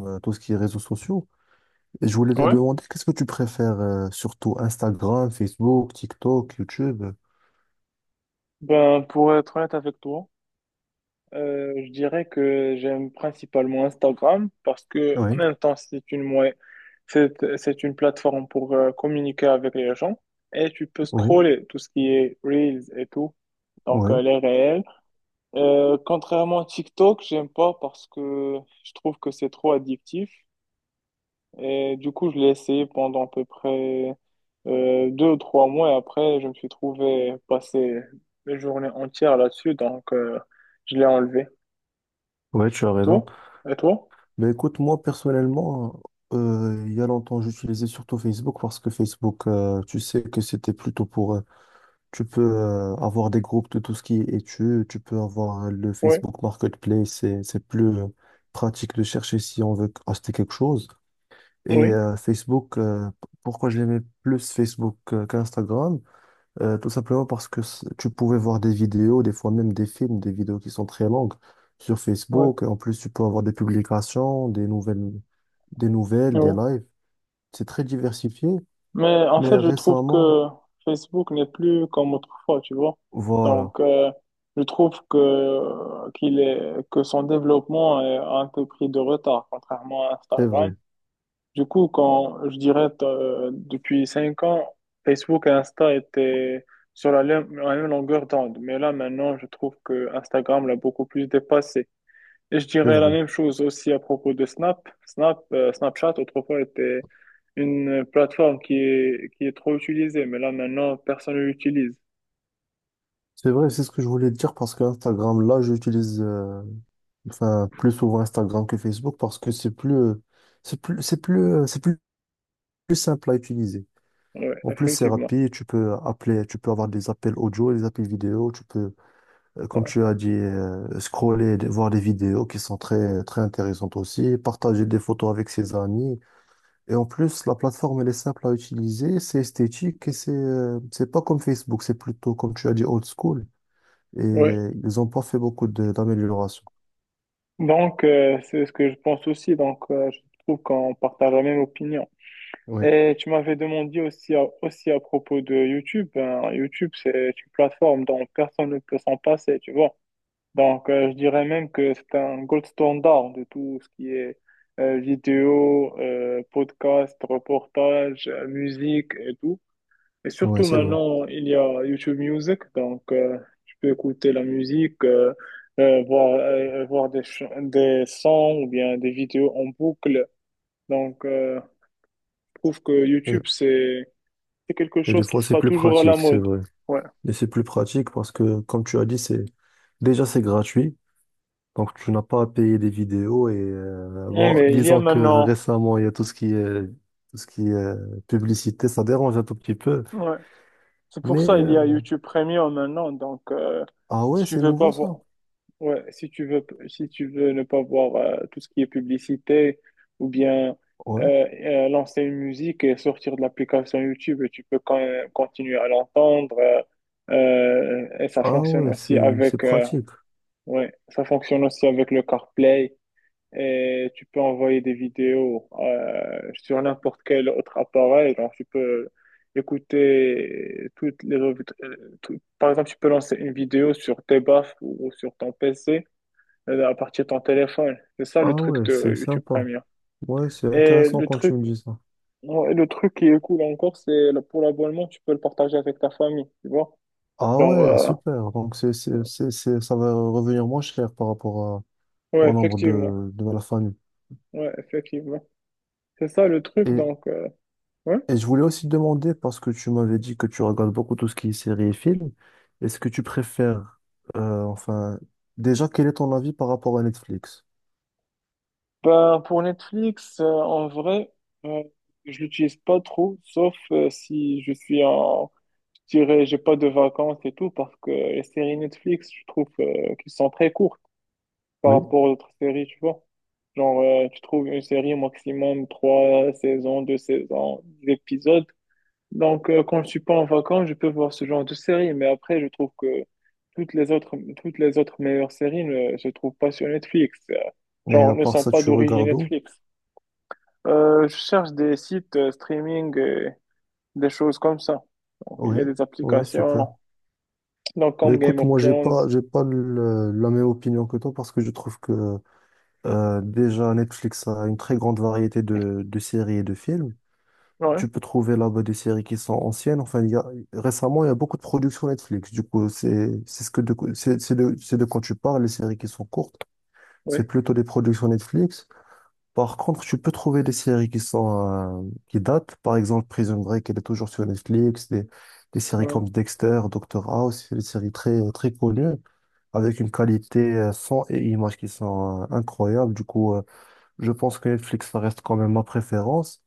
Tout ce qui est réseaux sociaux. Et je voulais te Ouais, demander, qu'est-ce que tu préfères surtout Instagram, Facebook, TikTok, YouTube? ben, pour être honnête avec toi, je dirais que j'aime principalement Instagram parce que, en Oui, même temps, c'est une plateforme pour communiquer avec les gens et tu peux oui, scroller tout ce qui est Reels et tout, donc oui, les réels. Contrairement à TikTok, j'aime pas parce que je trouve que c'est trop addictif et du coup, je l'ai essayé pendant à peu près 2 ou 3 mois et après, je me suis trouvé passer mes journées entières là-dessus, donc je l'ai enlevé. oui, tu as Et raison. toi? Et toi? Mais écoute, moi personnellement, il y a longtemps, j'utilisais surtout Facebook parce que Facebook, tu sais que c'était plutôt pour. Tu peux avoir des groupes de tout ce qui est études, tu peux avoir le Oui, Facebook Marketplace, c'est plus pratique de chercher si on veut acheter quelque chose. Et oui, Facebook, pourquoi j'aimais plus Facebook qu'Instagram? Tout simplement parce que tu pouvais voir des vidéos, des fois même des films, des vidéos qui sont très longues sur oui, Facebook. Et en plus, tu peux avoir des publications, des nouvelles, des nouvelles, des oui. lives. C'est très diversifié. Mais en Mais fait, je trouve récemment, que Facebook n'est plus comme autrefois, tu vois. voilà, Donc, je trouve que son développement est un peu pris de retard, contrairement à c'est vrai, Instagram. Du coup, quand je dirais depuis 5 ans, Facebook et Insta étaient sur la même longueur d'onde. Mais là, maintenant, je trouve que Instagram l'a beaucoup plus dépassé. Et je c'est dirais la vrai. même chose aussi à propos de Snap. Snapchat, autrefois, était une plateforme qui est trop utilisée. Mais là, maintenant, personne ne l'utilise. C'est vrai, c'est ce que je voulais te dire parce que Instagram, là, j'utilise enfin plus souvent Instagram que Facebook parce que c'est plus, c'est plus, c'est plus, euh, c'est plus plus simple à utiliser. Oui, En plus, c'est effectivement. rapide, tu peux appeler, tu peux avoir des appels audio, des appels vidéo, tu peux, comme Ouais. tu as dit, voir des vidéos qui sont très, très intéressantes aussi, partager des photos avec ses amis. Et en plus, la plateforme, elle est simple à utiliser, c'est esthétique et c'est pas comme Facebook, c'est plutôt, comme tu as dit, old school. Et Ouais. ils ont pas fait beaucoup d'améliorations. Donc, c'est ce que je pense aussi. Donc, je trouve qu'on partage la même opinion. Oui, Et tu m'avais demandé aussi à propos de YouTube. Ben, YouTube, c'est une plateforme dont personne ne peut s'en passer, tu vois. Donc, je dirais même que c'est un gold standard de tout ce qui est vidéo, podcast, reportage, musique et tout. Et oui, surtout c'est vrai. maintenant, il y a YouTube Music, donc tu peux écouter la musique, voir des sons ou bien des vidéos en boucle. Donc, je trouve que Et, YouTube, c'est quelque et des chose qui fois, c'est sera plus toujours à la pratique, c'est mode. vrai. Ouais. Et c'est plus pratique parce que, comme tu as dit, c'est, déjà, c'est gratuit. Donc, tu n'as pas à payer des vidéos et Ouais, bon, mais il y a disons que maintenant. récemment, il y a tout ce qui est publicité, ça dérange un tout petit peu. Ouais. C'est pour Mais ça il y a euh, YouTube Premium maintenant. Donc, ah si ouais, tu c'est veux pas nouveau ça. voir, ouais, si tu veux ne pas voir tout ce qui est publicité ou bien Ouais. euh, lancer une musique et sortir de l'application YouTube, tu peux quand même continuer à l'entendre. Et ça Ah fonctionne ouais, aussi c'est avec, pratique. ouais, ça fonctionne aussi avec le CarPlay et tu peux envoyer des vidéos sur n'importe quel autre appareil. Donc, tu peux écouter toutes les revues. Par exemple, tu peux lancer une vidéo sur tes baffes ou sur ton PC à partir de ton téléphone. C'est ça le Ah truc ouais, c'est de YouTube sympa. Premium. Ouais, c'est Et intéressant le quand tu truc, me dis ça. ouais, le truc qui est cool encore, pour l'abonnement, tu peux le partager avec ta famille, tu vois. Ah Genre, ouais, super. Donc, ça va revenir moins cher par rapport ouais, au nombre effectivement. De la famille. Ouais, effectivement. C'est ça le truc, et donc. Ouais. Et je voulais aussi te demander, parce que tu m'avais dit que tu regardes beaucoup tout ce qui est séries et films, est-ce que tu préfères, euh, enfin, déjà, quel est ton avis par rapport à Netflix? Ben, pour Netflix, en vrai, euh, je l'utilise pas trop, sauf si je suis en, je dirais, j'ai pas de vacances et tout, parce que les séries Netflix, je trouve qu'elles sont très courtes par Oui. rapport aux autres séries, tu vois. Genre, tu trouves une série au maximum trois saisons, deux saisons, des épisodes. Donc, quand je suis pas en vacances, je peux voir ce genre de série, mais après, je trouve que toutes les autres meilleures séries ne se trouvent pas sur Netflix, Et genre à ne part sont ça, pas tu d'origine regardes où? Netflix. Je cherche des sites streaming, des choses comme ça. Donc, il Oui. y a des Ouais, super. applications, donc Mais comme Game écoute, of moi, Thrones. j'ai pas la même opinion que toi parce que je trouve que, déjà, Netflix a une très grande variété de séries et de films. Ouais, Tu peux trouver là-bas des séries qui sont anciennes. Récemment, il y a beaucoup de productions Netflix. Du coup, c'est ce que de, c'est de quand tu parles, les séries qui sont courtes, c'est ouais, plutôt des productions Netflix. Par contre, tu peux trouver des séries qui sont, qui datent. Par exemple, Prison Break, elle est toujours sur Netflix. Des séries ouais, comme Dexter, Doctor House, c'est des séries très, très connues, avec une qualité son et image qui sont incroyables. Du coup, je pense que Netflix, ça reste quand même ma préférence.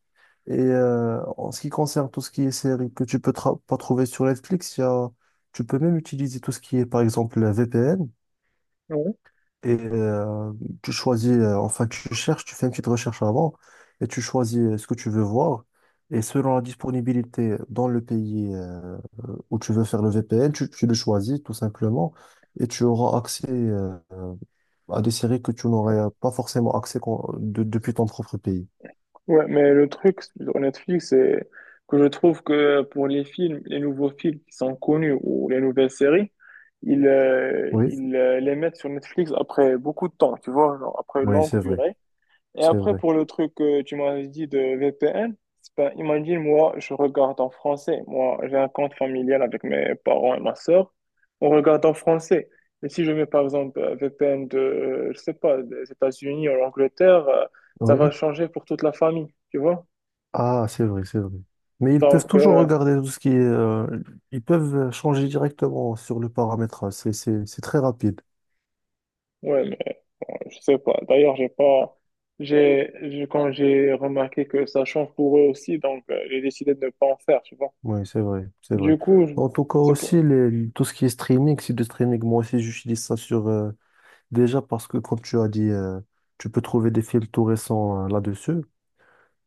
Et en ce qui concerne tout ce qui est série que tu peux pas trouver sur Netflix, il y tu peux même utiliser tout ce qui est, par exemple, la VPN. ouais. Et tu choisis, tu cherches, tu fais une petite recherche avant et tu choisis ce que tu veux voir. Et selon la disponibilité dans le pays où tu veux faire le VPN, tu le choisis tout simplement et tu auras accès à des séries que tu n'aurais pas forcément accès depuis ton propre pays. Ouais, mais le truc sur Netflix, c'est que je trouve que pour les films, les nouveaux films qui sont connus ou les nouvelles séries, ils, euh, Oui, ils euh, les mettent sur Netflix après beaucoup de temps, tu vois, genre après une oui, longue c'est vrai, durée. Et c'est après, vrai. pour le truc que tu m'as dit de VPN, c'est pas, imagine, moi, je regarde en français. Moi, j'ai un compte familial avec mes parents et ma sœur. On regarde en français. Et si je mets, par exemple, un VPN de, je sais pas, des États-Unis ou l'Angleterre, ça va Oui. changer pour toute la famille, tu vois? Ah, c'est vrai, c'est vrai. Mais ils peuvent Donc, toujours regarder tout ce qui est. Ils peuvent changer directement sur le paramétrage. C'est très rapide. ouais, mais, je sais pas. D'ailleurs, j'ai pas, j'ai- quand j'ai remarqué que ça change pour eux aussi, donc, j'ai décidé de ne pas en faire, tu vois? Oui, c'est vrai, c'est vrai. Du coup, je- En tout cas c'est aussi, pour, tout ce qui est streaming, c'est du streaming. Moi aussi, j'utilise ça sur. Déjà parce que, comme tu as dit, tu peux trouver des films tout récents là-dessus.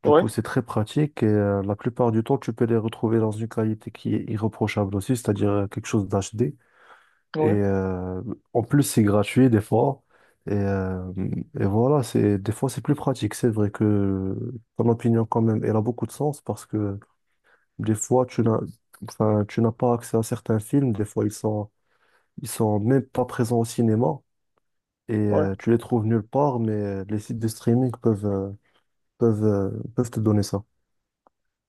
Du ouais, coup, c'est très pratique et la plupart du temps, tu peux les retrouver dans une qualité qui est irréprochable aussi, c'est-à-dire quelque chose d'HD. Et ouais. En plus, c'est gratuit des fois. Et, euh, et voilà, c'est, des fois, c'est plus pratique. C'est vrai que ton opinion, quand même, elle a beaucoup de sens parce que des fois, tu n'as pas accès à certains films. Des fois, ils sont, Ils sont même pas présents au cinéma et Ouais. Tu les trouves nulle part, mais les sites de streaming peuvent te donner ça.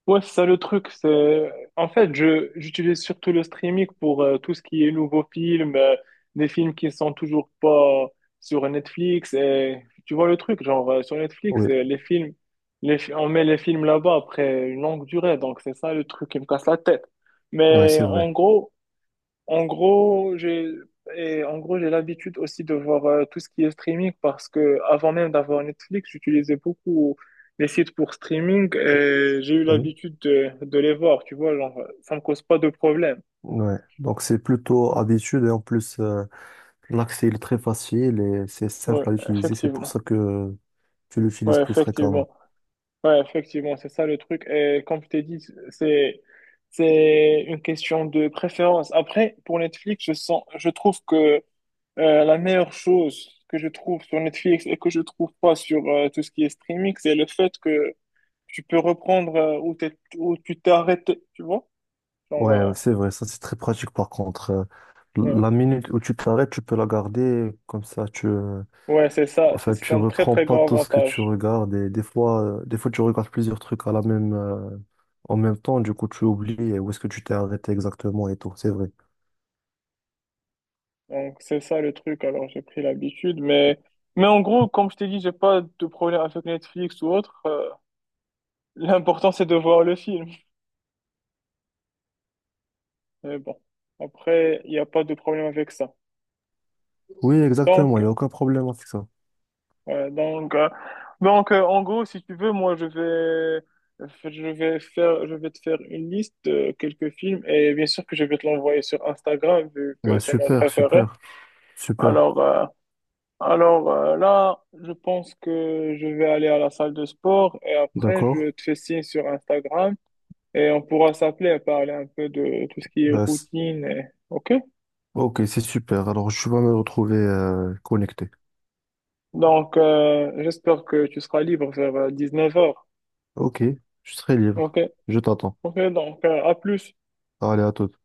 Ouais, c'est ça le truc. C'est. En fait, j'utilise surtout le streaming pour tout ce qui est nouveaux films, des films qui sont toujours pas sur Netflix. Et, tu vois le truc, genre sur Netflix, Oui, les films, on met les films là-bas après une longue durée. Donc, c'est ça le truc qui me casse la tête. ouais, Mais c'est vrai. en gros, j'ai l'habitude aussi de voir tout ce qui est streaming parce que avant même d'avoir Netflix, j'utilisais beaucoup les sites pour streaming et j'ai eu Oui, l'habitude de les voir, tu vois, genre ça me cause pas de problème. ouais. Donc c'est plutôt habitude et en plus l'accès il est très facile et c'est Ouais, simple à utiliser. C'est pour ça effectivement. que tu l'utilises Ouais, plus effectivement. fréquemment. Ouais, effectivement, c'est ça le truc. Et comme je t'ai dit, c'est c'est une question de préférence. Après, pour Netflix, je trouve que la meilleure chose que je trouve sur Netflix et que je trouve pas sur tout ce qui est streaming, c'est le fait que tu peux reprendre où tu t'es arrêté, tu vois? Ouais, ouais, Genre, c'est vrai. Ça c'est très pratique par contre. Ouais, La minute où tu t'arrêtes, tu peux la garder comme ça. Ouais, c'est ça, c'est c'est Tu un très reprends très pas grand tout ce que tu avantage. regardes et des fois tu regardes plusieurs trucs à la en même temps. Du coup, tu oublies où est-ce que tu t'es arrêté exactement et tout. C'est vrai. Donc c'est ça le truc. Alors j'ai pris l'habitude, mais en gros, comme je t'ai dit, j'ai pas de problème avec Netflix ou autre. L'important c'est de voir le film. Mais bon, après il n'y a pas de problème avec ça. Oui, exactement, il n'y a Tant aucun problème avec ça. Ouais, donc, en gros, si tu veux, moi, je vais te faire une liste de quelques films et bien sûr que je vais te l'envoyer sur Instagram vu que Bah, c'est mon super, préféré. super, super. Alors, euh, alors, là, je pense que je vais aller à la salle de sport et après, D'accord. je te fais signe sur Instagram et on pourra s'appeler et parler un peu de tout ce qui est Bah, c- routine. OK? ok, c'est super. Alors, je vais me retrouver connecté. Donc, j'espère que tu seras libre vers 19h Ok, je serai libre. OK? Je t'attends. OK, donc, à plus. Allez, à toute.